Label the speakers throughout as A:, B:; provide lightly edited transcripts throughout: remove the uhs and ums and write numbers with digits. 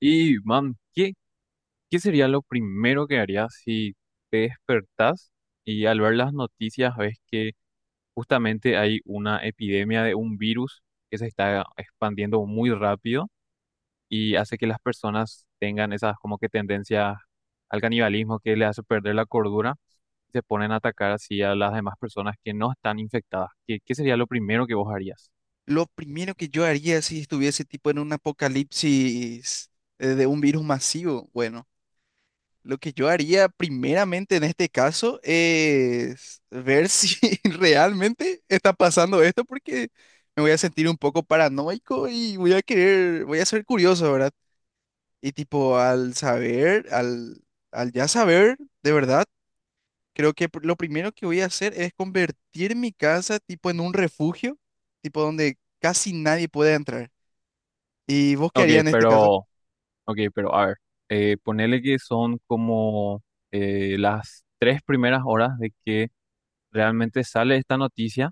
A: Y, man, ¿Qué sería lo primero que harías si te despertás y al ver las noticias ves que justamente hay una epidemia de un virus que se está expandiendo muy rápido y hace que las personas tengan esas como que tendencias al canibalismo que le hace perder la cordura y se ponen a atacar así a las demás personas que no están infectadas? ¿Qué sería lo primero que vos harías?
B: Lo primero que yo haría si estuviese tipo en un apocalipsis de un virus masivo, bueno, lo que yo haría primeramente en este caso es ver si realmente está pasando esto porque me voy a sentir un poco paranoico y voy a ser curioso, ¿verdad? Y tipo al saber, al ya saber, de verdad, creo que lo primero que voy a hacer es convertir mi casa tipo en un refugio, tipo donde casi nadie puede entrar. ¿Y vos qué
A: Ok,
B: harías en este caso?
A: pero Ok, pero a ver, ponele que son como las 3 primeras horas de que realmente sale esta noticia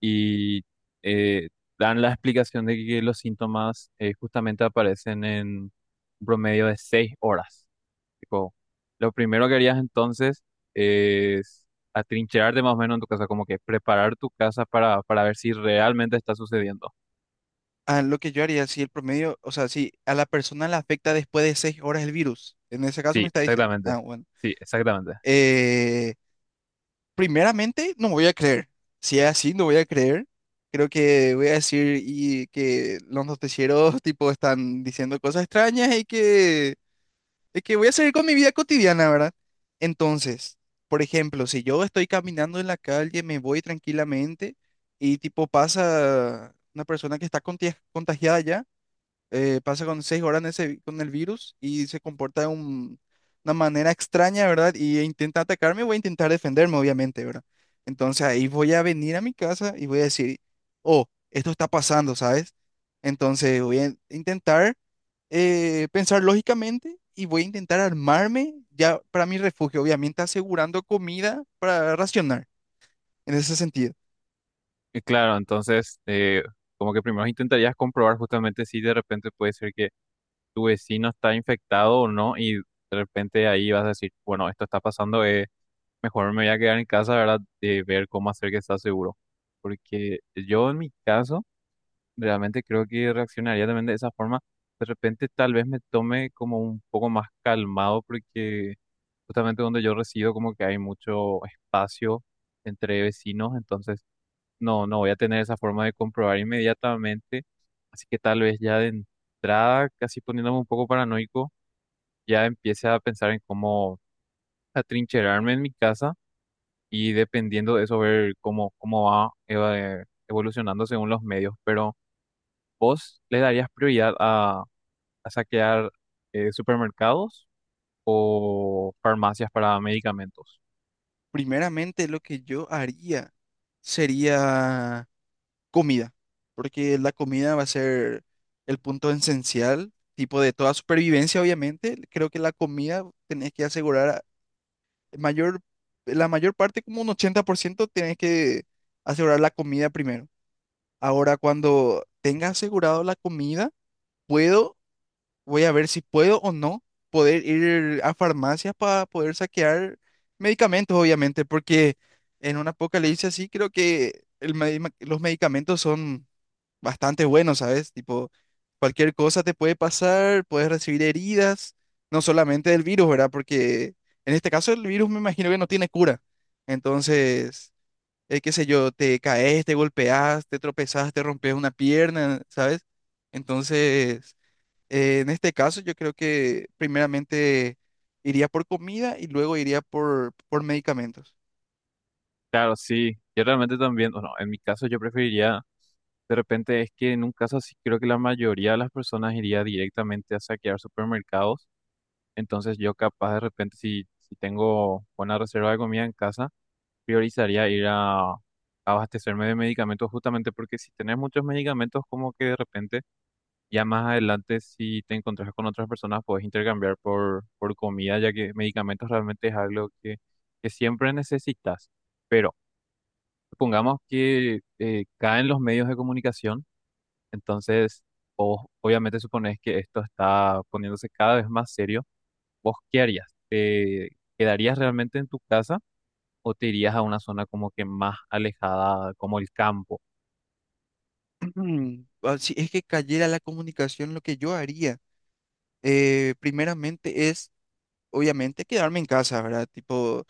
A: y eh, dan la explicación de que los síntomas justamente aparecen en un promedio de 6 horas. Tipo, lo primero que harías entonces es atrincherarte más o menos en tu casa, como que preparar tu casa para ver si realmente está sucediendo.
B: Ah, lo que yo haría, si el promedio, o sea, si a la persona le afecta después de 6 horas el virus, en ese caso me
A: Sí,
B: está diciendo,
A: exactamente.
B: ah, bueno.
A: Sí, exactamente.
B: Eh, Primeramente no voy a creer, si es así, no voy a creer, creo que voy a decir y que los noticieros tipo están diciendo cosas extrañas y que de que voy a seguir con mi vida cotidiana, ¿verdad? Entonces, por ejemplo, si yo estoy caminando en la calle, me voy tranquilamente y tipo pasa una persona que está contagiada ya, pasa con 6 horas en ese con el virus y se comporta de una manera extraña, ¿verdad? Y intenta atacarme, voy a intentar defenderme, obviamente, ¿verdad? Entonces ahí voy a venir a mi casa y voy a decir, oh, esto está pasando, ¿sabes? Entonces voy a intentar pensar lógicamente y voy a intentar armarme ya para mi refugio, obviamente asegurando comida para racionar en ese sentido.
A: Y claro, entonces, como que primero intentarías comprobar justamente si de repente puede ser que tu vecino está infectado o no, y de repente ahí vas a decir, bueno, esto está pasando, mejor me voy a quedar en casa, ¿verdad? De ver cómo hacer que está seguro. Porque yo en mi caso, realmente creo que reaccionaría también de esa forma. De repente tal vez me tome como un poco más calmado, porque justamente donde yo resido como que hay mucho espacio entre vecinos, entonces no voy a tener esa forma de comprobar inmediatamente, así que tal vez ya de entrada, casi poniéndome un poco paranoico, ya empiece a pensar en cómo atrincherarme en mi casa y dependiendo de eso ver cómo, cómo va evolucionando según los medios. Pero ¿vos le darías prioridad a saquear supermercados o farmacias para medicamentos?
B: Primeramente lo que yo haría sería comida, porque la comida va a ser el punto esencial, tipo de toda supervivencia, obviamente. Creo que la comida tenés que mayor, la mayor parte, como un 80% tenés que asegurar la comida primero. Ahora, cuando tenga asegurado la comida, puedo voy a ver si puedo o no poder ir a farmacias para poder saquear medicamentos, obviamente, porque en un apocalipsis así creo que los medicamentos son bastante buenos, ¿sabes? Tipo, cualquier cosa te puede pasar, puedes recibir heridas, no solamente del virus, ¿verdad? Porque en este caso el virus me imagino que no tiene cura. Entonces, qué sé yo, te caes, te golpeas, te tropezas, te rompes una pierna, ¿sabes? Entonces... en este caso, yo creo que primeramente iría por comida y luego iría por medicamentos.
A: Claro, sí, yo realmente también, bueno, en mi caso yo preferiría. De repente es que en un caso así creo que la mayoría de las personas iría directamente a saquear supermercados. Entonces yo capaz de repente si tengo buena reserva de comida en casa, priorizaría ir a abastecerme de medicamentos justamente porque si tenés muchos medicamentos como que de repente ya más adelante si te encontrás con otras personas puedes intercambiar por comida ya que medicamentos realmente es algo que siempre necesitas. Pero supongamos que caen los medios de comunicación entonces, vos obviamente suponés que esto está poniéndose cada vez más serio. ¿Vos qué harías? ¿Te quedarías realmente en tu casa o te irías a una zona como que más alejada, como el campo?
B: Ah, si es que cayera la comunicación, lo que yo haría, primeramente es, obviamente, quedarme en casa, ¿verdad? Tipo,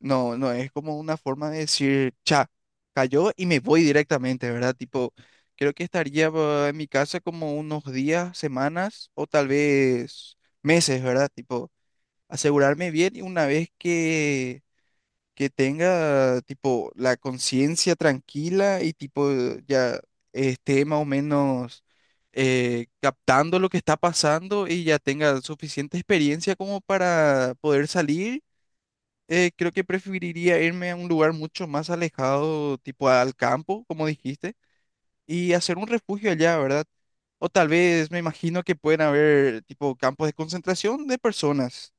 B: no, no es como una forma de decir, cha, cayó y me voy directamente, ¿verdad? Tipo, creo que estaría ah, en mi casa como unos días, semanas o tal vez meses, ¿verdad? Tipo, asegurarme bien y una vez que tenga tipo la conciencia tranquila y tipo ya esté más o menos captando lo que está pasando y ya tenga suficiente experiencia como para poder salir. Eh, creo que preferiría irme a un lugar mucho más alejado, tipo al campo, como dijiste, y hacer un refugio allá, ¿verdad? O tal vez me imagino que pueden haber tipo campos de concentración de personas,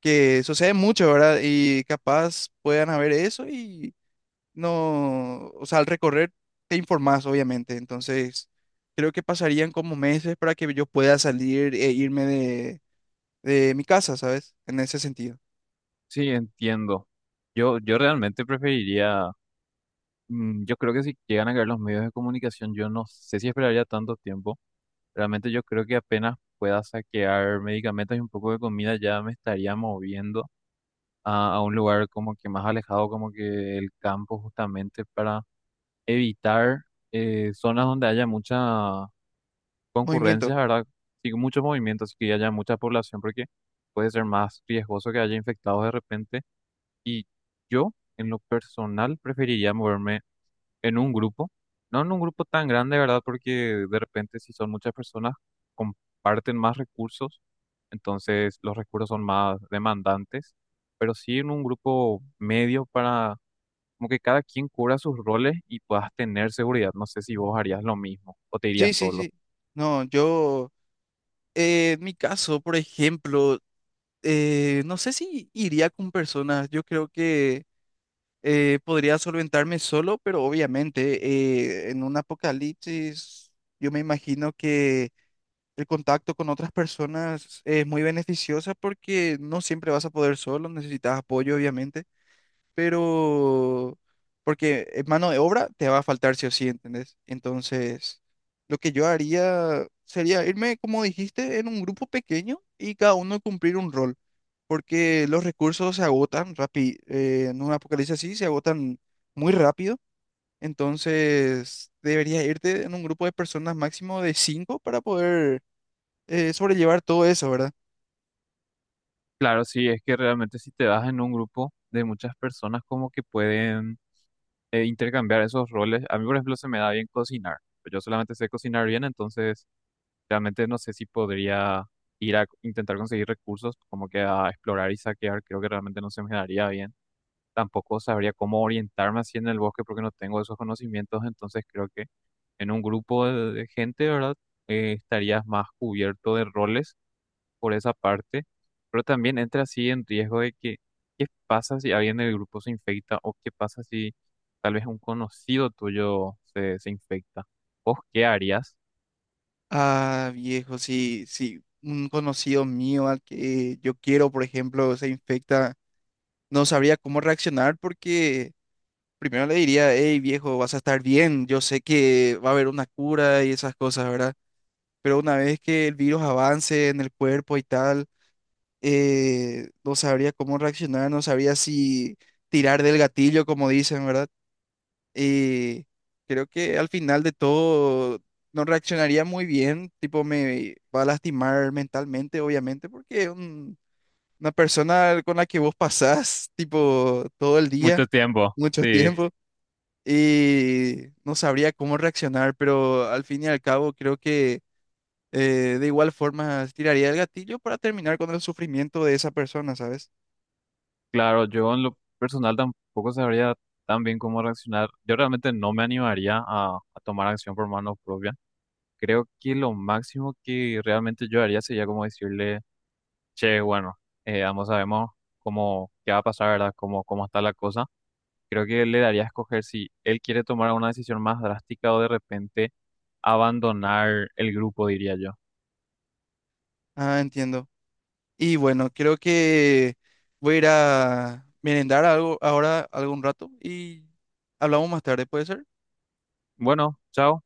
B: que sucede mucho, ¿verdad? Y capaz puedan haber eso y no, o sea, al recorrer te informás, obviamente. Entonces, creo que pasarían como meses para que yo pueda salir e irme de mi casa, ¿sabes? En ese sentido.
A: Sí, entiendo. Yo realmente preferiría, mm, yo creo que si llegan a caer los medios de comunicación, yo no sé si esperaría tanto tiempo. Realmente yo creo que apenas pueda saquear medicamentos y un poco de comida ya me estaría moviendo a un lugar como que más alejado, como que el campo justamente para evitar zonas donde haya mucha
B: Movimiento.
A: concurrencia, ¿verdad? Sí, muchos movimientos, así que haya mucha población, porque puede ser más riesgoso que haya infectados de repente. Y yo, en lo personal, preferiría moverme en un grupo, no en un grupo tan grande, ¿verdad? Porque de repente si son muchas personas, comparten más recursos, entonces los recursos son más demandantes, pero sí en un grupo medio para como que cada quien cubra sus roles y puedas tener seguridad. No sé si vos harías lo mismo o te
B: Sí,
A: irías
B: sí,
A: solo.
B: sí. No, yo, en mi caso, por ejemplo, no sé si iría con personas. Yo creo que podría solventarme solo, pero obviamente en un apocalipsis, yo me imagino que el contacto con otras personas es muy beneficiosa porque no siempre vas a poder solo, necesitas apoyo, obviamente, pero porque mano de obra te va a faltar sí o sí, ¿entendés? Entonces, lo que yo haría sería irme, como dijiste, en un grupo pequeño y cada uno cumplir un rol, porque los recursos se agotan rápido, en un apocalipsis así se agotan muy rápido, entonces deberías irte en un grupo de personas máximo de cinco para poder sobrellevar todo eso, ¿verdad?
A: Claro, sí, es que realmente si te das en un grupo de muchas personas como que pueden intercambiar esos roles. A mí, por ejemplo, se me da bien cocinar. Yo solamente sé cocinar bien, entonces realmente no sé si podría ir a intentar conseguir recursos, como que a explorar y saquear, creo que realmente no se me daría bien. Tampoco sabría cómo orientarme así en el bosque porque no tengo esos conocimientos, entonces creo que en un grupo de gente, ¿verdad? Estarías más cubierto de roles por esa parte, pero también entra así en riesgo de que, ¿qué pasa si alguien del grupo se infecta o qué pasa si tal vez un conocido tuyo se infecta? ¿Vos qué harías?
B: Ah, viejo, si un conocido mío al que yo quiero, por ejemplo, se infecta, no sabría cómo reaccionar porque primero le diría, hey, viejo, vas a estar bien, yo sé que va a haber una cura y esas cosas, ¿verdad? Pero una vez que el virus avance en el cuerpo y tal, no sabría cómo reaccionar, no sabría si tirar del gatillo, como dicen, ¿verdad? Y creo que al final de todo no reaccionaría muy bien, tipo me va a lastimar mentalmente, obviamente, porque una persona con la que vos pasás, tipo, todo el día,
A: Mucho tiempo,
B: mucho
A: sí.
B: tiempo, y no sabría cómo reaccionar, pero al fin y al cabo creo que de igual forma tiraría el gatillo para terminar con el sufrimiento de esa persona, ¿sabes?
A: Claro, yo en lo personal tampoco sabría tan bien cómo reaccionar. Yo realmente no me animaría a tomar acción por mano propia. Creo que lo máximo que realmente yo haría sería como decirle, che, bueno, ambos sabemos cómo, qué va a pasar, ¿verdad? Cómo, cómo está la cosa. Creo que le daría a escoger si él quiere tomar una decisión más drástica o de repente abandonar el grupo, diría yo.
B: Ah, entiendo. Y bueno, creo que voy a ir a merendar algo ahora algún rato y hablamos más tarde, ¿puede ser?
A: Bueno, chao.